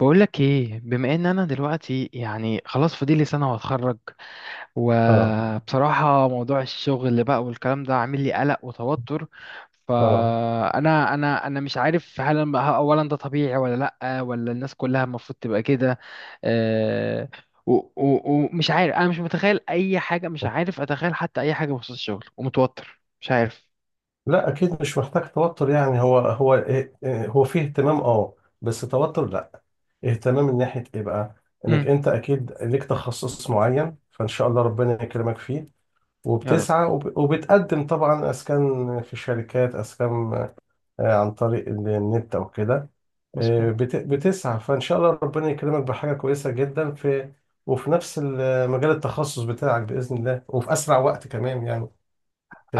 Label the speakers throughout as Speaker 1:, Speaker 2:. Speaker 1: بقولك ايه، بما ان انا دلوقتي يعني خلاص فاضلي سنة واتخرج.
Speaker 2: اه
Speaker 1: وبصراحة، موضوع الشغل اللي بقى والكلام ده عامل لي قلق وتوتر.
Speaker 2: اه
Speaker 1: فانا انا انا مش عارف، هل اولا ده طبيعي ولا لا، ولا الناس كلها المفروض تبقى كده؟ آه، ومش عارف، انا مش متخيل اي حاجة، مش عارف اتخيل حتى اي حاجة بخصوص الشغل، ومتوتر، مش عارف.
Speaker 2: لا، اكيد مش محتاج توتر. يعني هو إيه، هو فيه اهتمام. اه بس توتر لا. اهتمام من ناحية ايه بقى؟ انك
Speaker 1: امم
Speaker 2: انت اكيد ليك تخصص معين، فان شاء الله ربنا يكرمك فيه.
Speaker 1: يا رب.
Speaker 2: وبتسعى وبتقدم طبعا اسكان في شركات اسكان، آه، عن طريق النت او كده. آه،
Speaker 1: مظبوط.
Speaker 2: بتسعى فان شاء الله ربنا يكرمك بحاجة كويسة جدا في وفي نفس مجال التخصص بتاعك بإذن الله، وفي اسرع وقت كمان يعني. ما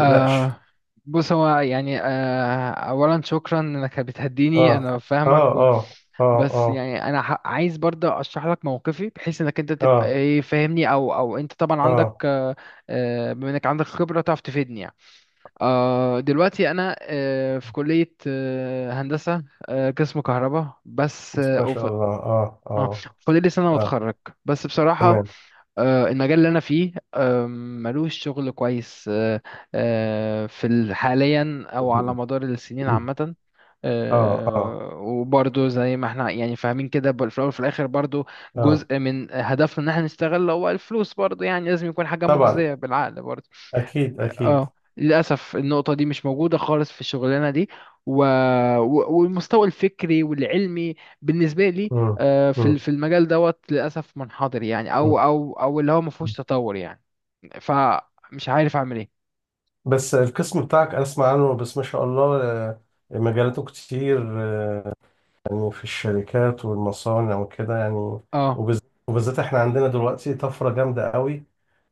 Speaker 2: تقلقش.
Speaker 1: بص، هو يعني أولا شكرا إنك بتهديني،
Speaker 2: اه
Speaker 1: أنا
Speaker 2: اه
Speaker 1: فاهمك،
Speaker 2: اه اه
Speaker 1: بس
Speaker 2: اه
Speaker 1: يعني أنا عايز برضه أشرح لك موقفي، بحيث إنك أنت تبقى
Speaker 2: اه
Speaker 1: إيه فاهمني، أو أنت طبعا، عندك
Speaker 2: اه
Speaker 1: بما إنك عندك خبرة تعرف تفيدني يعني. دلوقتي أنا في كلية هندسة، قسم كهرباء بس،
Speaker 2: بس ما شاء الله.
Speaker 1: آه.
Speaker 2: اه
Speaker 1: فاضل لي سنة
Speaker 2: اه
Speaker 1: وأتخرج، بس بصراحة
Speaker 2: تمام.
Speaker 1: المجال اللي انا فيه، ملوش شغل كويس، في حاليا او على مدار السنين عامه.
Speaker 2: اه اه
Speaker 1: وبرضو زي ما احنا يعني فاهمين كده، في الاول وفي الاخر برضو،
Speaker 2: اه
Speaker 1: جزء من هدفنا ان احنا نشتغل هو الفلوس، برضو يعني لازم يكون حاجه
Speaker 2: طبعا.
Speaker 1: مجزيه بالعقل برضو.
Speaker 2: اكيد اكيد.
Speaker 1: اه للأسف النقطة دي مش موجودة خالص في الشغلانة دي، و... و- والمستوى الفكري والعلمي بالنسبة لي،
Speaker 2: مم.
Speaker 1: في
Speaker 2: مم.
Speaker 1: في المجال دوت للأسف منحدر يعني،
Speaker 2: مم.
Speaker 1: أو اللي هو ما فيهوش تطور يعني. فمش عارف أعمل إيه.
Speaker 2: بس القسم بتاعك اسمع عنه، بس ما شاء الله، آه، مجالاته كتير، آه، يعني في الشركات والمصانع وكده يعني.
Speaker 1: اه،
Speaker 2: وبالذات احنا عندنا دلوقتي طفرة جامدة قوي،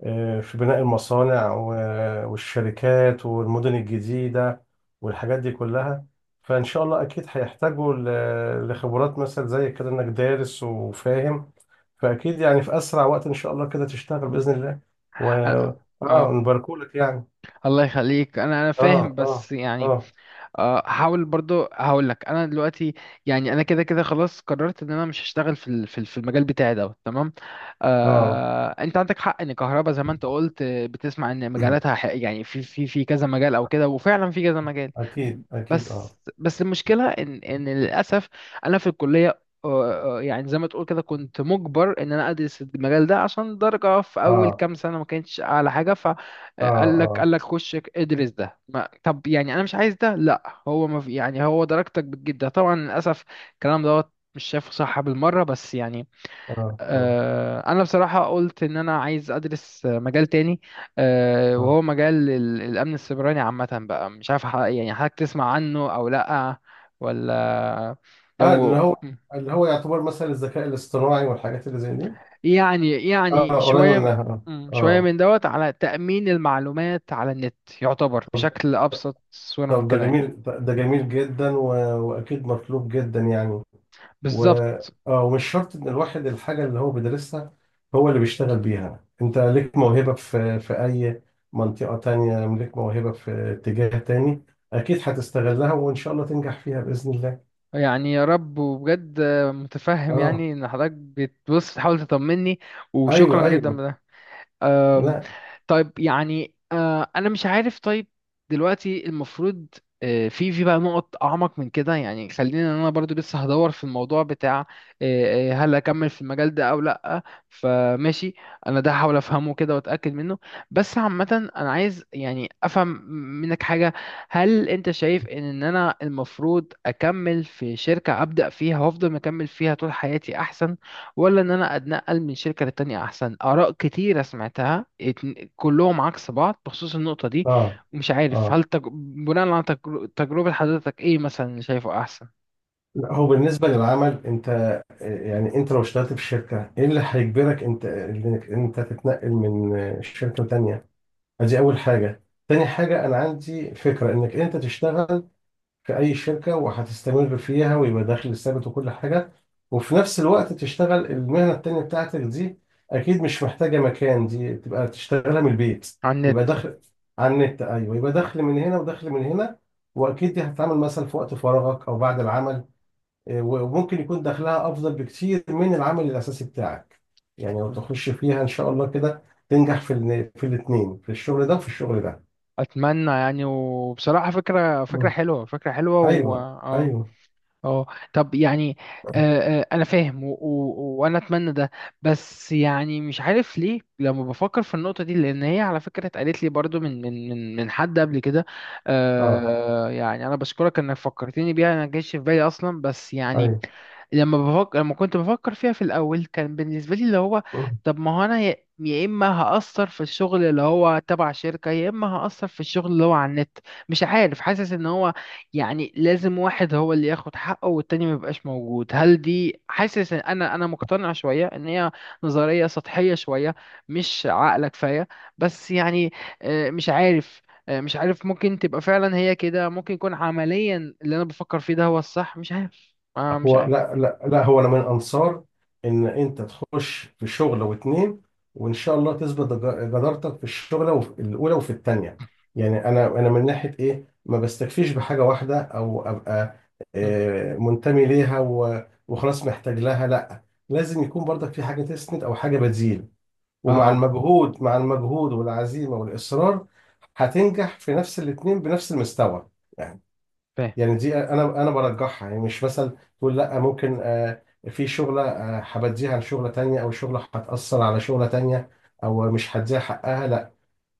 Speaker 2: آه، في بناء المصانع والشركات والمدن الجديدة والحاجات دي كلها. فإن شاء الله أكيد هيحتاجوا لخبرات مثلا زي كده، إنك دارس وفاهم. فأكيد يعني في أسرع وقت إن شاء الله كده تشتغل بإذن الله. و
Speaker 1: اه.
Speaker 2: آه
Speaker 1: آه.
Speaker 2: نباركولك يعني.
Speaker 1: الله يخليك، أنا
Speaker 2: آه
Speaker 1: فاهم،
Speaker 2: آه
Speaker 1: بس يعني
Speaker 2: آه
Speaker 1: هحاول برضو، هقول لك انا دلوقتي، يعني انا كده كده خلاص قررت ان انا مش هشتغل في في المجال بتاعي دوت، تمام.
Speaker 2: آه
Speaker 1: انت عندك حق ان كهرباء، زي ما انت قلت، بتسمع ان مجالاتها، يعني في كذا مجال او كده، وفعلا في كذا مجال.
Speaker 2: أكيد أكيد.
Speaker 1: بس بس المشكله ان للاسف انا في الكليه، يعني زي ما تقول كده، كنت مجبر ان انا ادرس المجال ده، عشان درجه في اول
Speaker 2: آه
Speaker 1: كام سنه ما كانتش اعلى حاجه.
Speaker 2: آه
Speaker 1: قال لك
Speaker 2: آه
Speaker 1: قال لك خش ادرس ده، ما طب يعني انا مش عايز ده، لا هو ما في يعني، هو درجتك بتجيب ده طبعا للاسف. الكلام دوت مش شايفه صح بالمره، بس يعني
Speaker 2: اه اه
Speaker 1: انا بصراحه قلت ان انا عايز ادرس مجال تاني.
Speaker 2: اه
Speaker 1: وهو مجال الامن السيبراني عامه بقى، مش عارف يعني حضرتك تسمع عنه او لا؟ ولا؟
Speaker 2: اه اللي
Speaker 1: لو.
Speaker 2: هو، اللي هو يعتبر مثلا الذكاء الاصطناعي والحاجات اللي زي دي.
Speaker 1: يعني
Speaker 2: اه، قريب
Speaker 1: شوية.
Speaker 2: منها اه.
Speaker 1: شوية
Speaker 2: اه
Speaker 1: من دوت، على تأمين المعلومات على النت، يعتبر
Speaker 2: طب
Speaker 1: بشكل أبسط صورة
Speaker 2: طب ده
Speaker 1: ممكنة يعني.
Speaker 2: جميل، ده جميل جدا و... واكيد مطلوب جدا يعني. و
Speaker 1: بالظبط.
Speaker 2: اه، ومش شرط ان الواحد الحاجه اللي هو بيدرسها هو اللي بيشتغل بيها. انت ليك موهبه في اي منطقه تانية، ليك موهبه في اتجاه تاني، اكيد هتستغلها وان شاء الله تنجح فيها باذن الله.
Speaker 1: يعني يا رب، وبجد متفهم
Speaker 2: اه.
Speaker 1: يعني، إن حضرتك بتبص تحاول تطمني، وشكرا
Speaker 2: ايوه ايوه.
Speaker 1: جدا. أم،
Speaker 2: لا.
Speaker 1: طيب يعني انا مش عارف. طيب دلوقتي المفروض في بقى نقط اعمق من كده، يعني خلينا إن انا برضو لسه هدور في الموضوع بتاع أه، أه، هل اكمل في المجال ده او لا. فماشي، انا ده هحاول افهمه كده واتاكد منه، بس عامه انا عايز يعني افهم منك حاجه. هل انت شايف ان انا المفروض اكمل في شركه ابدا فيها وافضل مكمل فيها طول حياتي احسن، ولا ان انا اتنقل من شركه للتانيه احسن؟ اراء كتيره سمعتها، كلهم عكس بعض بخصوص النقطه دي.
Speaker 2: اه
Speaker 1: مش عارف،
Speaker 2: اه
Speaker 1: هل بناء على تجربه حضرتك ايه مثلا اللي شايفه احسن؟
Speaker 2: لا، هو بالنسبة للعمل انت، آه، يعني انت لو اشتغلت في شركة، ايه اللي هيجبرك انت انك انت تتنقل من آه، شركة لتانية؟ ادي اول حاجة. تاني حاجة، انا عندي فكرة انك انت تشتغل في اي شركة وهتستمر فيها، ويبقى دخل ثابت وكل حاجة، وفي نفس الوقت تشتغل المهنة التانية بتاعتك دي. اكيد مش محتاجة مكان، دي تبقى تشتغلها من البيت.
Speaker 1: على
Speaker 2: يبقى
Speaker 1: النت.
Speaker 2: دخل، على النت ايوه، يبقى دخل من هنا ودخل من هنا. واكيد دي هتتعامل مثلا في وقت فراغك او بعد العمل، وممكن يكون دخلها افضل بكتير من العمل الاساسي بتاعك. يعني لو تخش فيها ان شاء الله كده، تنجح في في الاثنين، في الشغل ده وفي الشغل ده.
Speaker 1: اتمنى يعني، وبصراحه فكره
Speaker 2: مم.
Speaker 1: حلوه، فكره حلوه،
Speaker 2: ايوه
Speaker 1: اه.
Speaker 2: ايوه.
Speaker 1: اه طب يعني انا فاهم، وانا اتمنى ده، بس يعني مش عارف ليه لما بفكر في النقطه دي، لان هي على فكره اتقالت لي برضو من حد قبل كده.
Speaker 2: اه.
Speaker 1: يعني انا بشكرك انك فكرتني بيها، انا ما جاش في بالي اصلا، بس يعني
Speaker 2: ايوه.
Speaker 1: لما كنت بفكر فيها في الاول، كان بالنسبه لي اللي هو، طب ما هو انا، يا اما هاثر في الشغل اللي هو تبع شركه، يا اما هاثر في الشغل اللي هو على النت. مش عارف، حاسس ان هو يعني لازم واحد هو اللي ياخد حقه والتاني ما يبقاش موجود. هل دي؟ حاسس ان انا مقتنع شويه ان هي نظريه سطحيه شويه، مش عاقله كفايه، بس يعني مش عارف، مش عارف، ممكن تبقى فعلا هي كده، ممكن يكون عمليا اللي انا بفكر فيه ده هو الصح، مش عارف. مش
Speaker 2: هو
Speaker 1: عارف.
Speaker 2: لا لا لا، هو انا من انصار ان انت تخش في شغله واتنين، وان شاء الله تثبت جدارتك في الشغله، وفي الاولى وفي التانيه. يعني انا، انا من ناحيه ايه ما بستكفيش بحاجه واحده، او ابقى
Speaker 1: مم.
Speaker 2: آه، منتمي ليها وخلاص محتاج لها، لا. لازم يكون برضك في حاجه تسند او حاجه بتزيد. ومع
Speaker 1: اه.
Speaker 2: المجهود، مع المجهود والعزيمه والاصرار، هتنجح في نفس الاتنين بنفس المستوى يعني.
Speaker 1: فاهم.
Speaker 2: يعني دي انا، انا برجحها، يعني مش مثلا تقول لا ممكن آه، في شغله آه، هبديها لشغله تانية، او شغله هتاثر على شغله تانية، او مش هديها حقها، لا.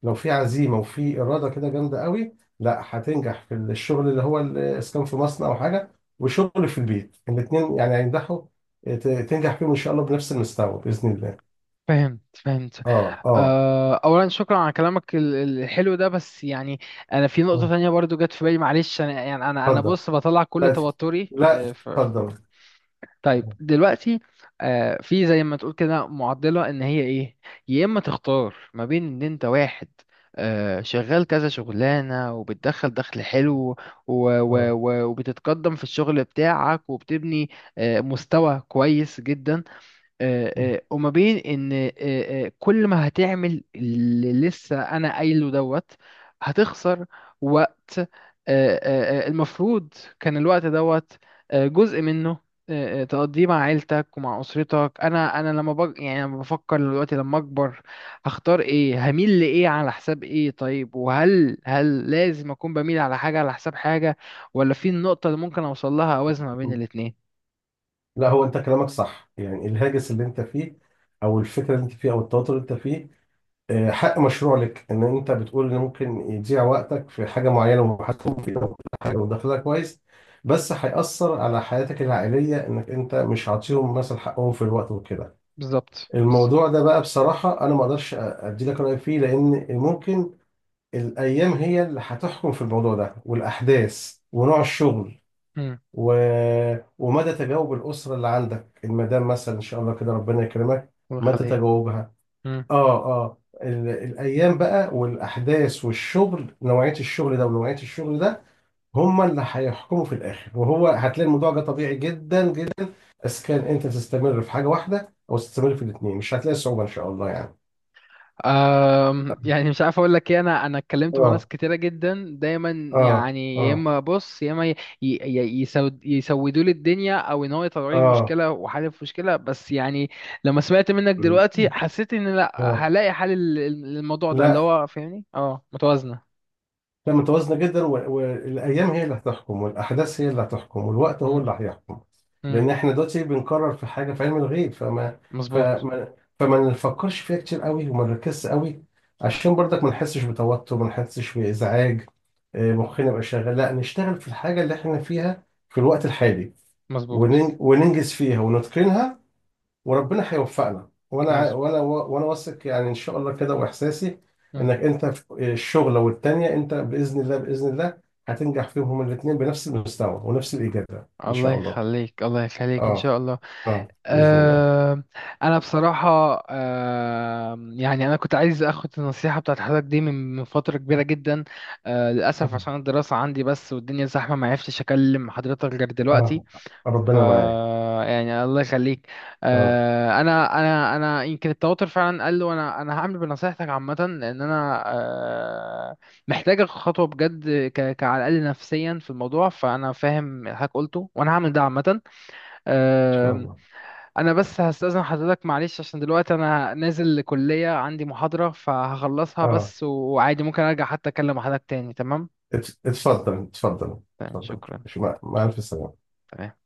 Speaker 2: لو في عزيمه وفي اراده كده جامده قوي، لا هتنجح في الشغل اللي هو الاسكان في مصنع او حاجه، وشغل في البيت، الاثنين يعني هينجحوا. تنجح فيهم ان شاء الله بنفس المستوى باذن الله.
Speaker 1: فهمت فهمت.
Speaker 2: اه اه.
Speaker 1: اولا شكرا على كلامك الحلو ده، بس يعني انا في نقطة
Speaker 2: آه.
Speaker 1: تانية برضو جت في بالي، معلش، انا يعني انا
Speaker 2: اتفضل.
Speaker 1: بص بطلع كل
Speaker 2: لا،
Speaker 1: توتري،
Speaker 2: لا اتفضل.
Speaker 1: طيب دلوقتي في زي ما تقول كده معضلة، ان هي ايه، يا اما تختار ما بين ان انت واحد شغال كذا شغلانة وبتدخل دخل حلو، و...
Speaker 2: اه.
Speaker 1: وبتتقدم في الشغل بتاعك، وبتبني مستوى كويس جدا، وما بين ان كل ما هتعمل اللي لسه انا قايله دوت، هتخسر وقت، المفروض كان الوقت دوت جزء منه، تقضيه مع عيلتك ومع اسرتك. انا، لما يعني لما بفكر دلوقتي لما اكبر، هختار ايه، هميل لايه على حساب ايه؟ طيب، وهل لازم اكون بميل على حاجه على حساب حاجه، ولا في النقطه اللي ممكن اوصل لها اوازن ما
Speaker 2: آه.
Speaker 1: بين الاتنين؟
Speaker 2: لا هو انت كلامك صح، يعني الهاجس اللي انت فيه، او الفكره اللي انت فيه، او التوتر اللي انت فيه، آه، حق مشروع لك. ان انت بتقول ان ممكن يضيع وقتك في حاجه معينه ومحاسبهم فيها وكل حاجه ودخلها كويس، بس هيأثر على حياتك العائليه، انك انت مش عاطيهم مثلا حقهم في الوقت وكده.
Speaker 1: بالظبط، بالظبط.
Speaker 2: الموضوع ده بقى بصراحه انا ما اقدرش ادي لك راي فيه، لان ممكن الايام هي اللي هتحكم في الموضوع ده، والاحداث ونوع الشغل
Speaker 1: امم
Speaker 2: و... ومدى تجاوب الأسرة اللي عندك، المدام مثلا إن شاء الله كده ربنا يكرمك،
Speaker 1: الله
Speaker 2: متى
Speaker 1: يخليك.
Speaker 2: تجاوبها.
Speaker 1: مم.
Speaker 2: آه آه، الأيام بقى والأحداث والشغل، نوعية الشغل ده ونوعية الشغل ده، هما اللي هيحكموا في الآخر. وهو هتلاقي الموضوع ده طبيعي جدا جدا. بس كان أنت تستمر في حاجة واحدة أو تستمر في الاتنين، مش هتلاقي صعوبة إن شاء الله يعني.
Speaker 1: يعني مش عارف اقول لك ايه، انا اتكلمت مع ناس
Speaker 2: آه
Speaker 1: كتيره جدا دايما،
Speaker 2: آه
Speaker 1: يعني يا
Speaker 2: آه
Speaker 1: اما بص، يا اما ي- ي- ي- يسود يسودوا لي الدنيا، او ان هو يطلعوا لي
Speaker 2: آه
Speaker 1: مشكله وحل في مشكله، بس يعني لما سمعت منك دلوقتي، حسيت ان لا،
Speaker 2: آه
Speaker 1: هلاقي حل للموضوع ده اللي
Speaker 2: لا،
Speaker 1: هو فاهمني، متوازنه.
Speaker 2: لا متوازنة جدا، والأيام هي اللي هتحكم، والأحداث هي اللي هتحكم، والوقت هو
Speaker 1: مم.
Speaker 2: اللي هيحكم.
Speaker 1: مم.
Speaker 2: لأن إحنا دلوقتي بنكرر في حاجة في علم الغيب،
Speaker 1: مظبوط.
Speaker 2: فما نفكرش فيها كتير قوي، وما نركزش قوي، عشان برضك ما نحسش بتوتر، ما نحسش بإزعاج. آه، مخنا يبقى شغال، لا نشتغل في الحاجة اللي إحنا فيها في الوقت الحالي،
Speaker 1: مظبوط.
Speaker 2: وننجز فيها ونتقنها. وربنا هيوفقنا،
Speaker 1: مظبوط.
Speaker 2: وانا واثق يعني ان شاء الله كده، واحساسي
Speaker 1: مم.
Speaker 2: انك انت في الشغله والتانيه انت باذن الله، باذن الله هتنجح فيهم هما الاثنين بنفس المستوى ونفس الاجابه ان
Speaker 1: الله
Speaker 2: شاء الله.
Speaker 1: يخليك، الله يخليك، ان
Speaker 2: اه
Speaker 1: شاء الله.
Speaker 2: اه باذن الله.
Speaker 1: آه، انا بصراحه يعني انا كنت عايز اخد النصيحه بتاعت حضرتك دي من فتره كبيره جدا، للاسف
Speaker 2: اه
Speaker 1: عشان الدراسه عندي بس والدنيا زحمه، ما عرفتش اكلم حضرتك غير دلوقتي.
Speaker 2: آه، ربنا معاك.
Speaker 1: يعني الله يخليك،
Speaker 2: اه ان
Speaker 1: انا يمكن التوتر فعلا قل، وانا هعمل بنصيحتك عامه، لان انا آه، محتاج اخد خطوه بجد، على الاقل نفسيا في الموضوع، فانا فاهم اللي حضرتك قلته، وانا هعمل ده عامه.
Speaker 2: شاء
Speaker 1: آه،
Speaker 2: الله.
Speaker 1: انا بس هستأذن حضرتك معلش، عشان دلوقتي انا نازل لكلية عندي محاضرة، فهخلصها
Speaker 2: اه.
Speaker 1: بس، وعادي ممكن ارجع حتى اكلم حضرتك تاني، تمام؟
Speaker 2: اتفضل اتفضل.
Speaker 1: تمام،
Speaker 2: اتفضل.
Speaker 1: شكرا.
Speaker 2: مع الف سلامه.
Speaker 1: تمام.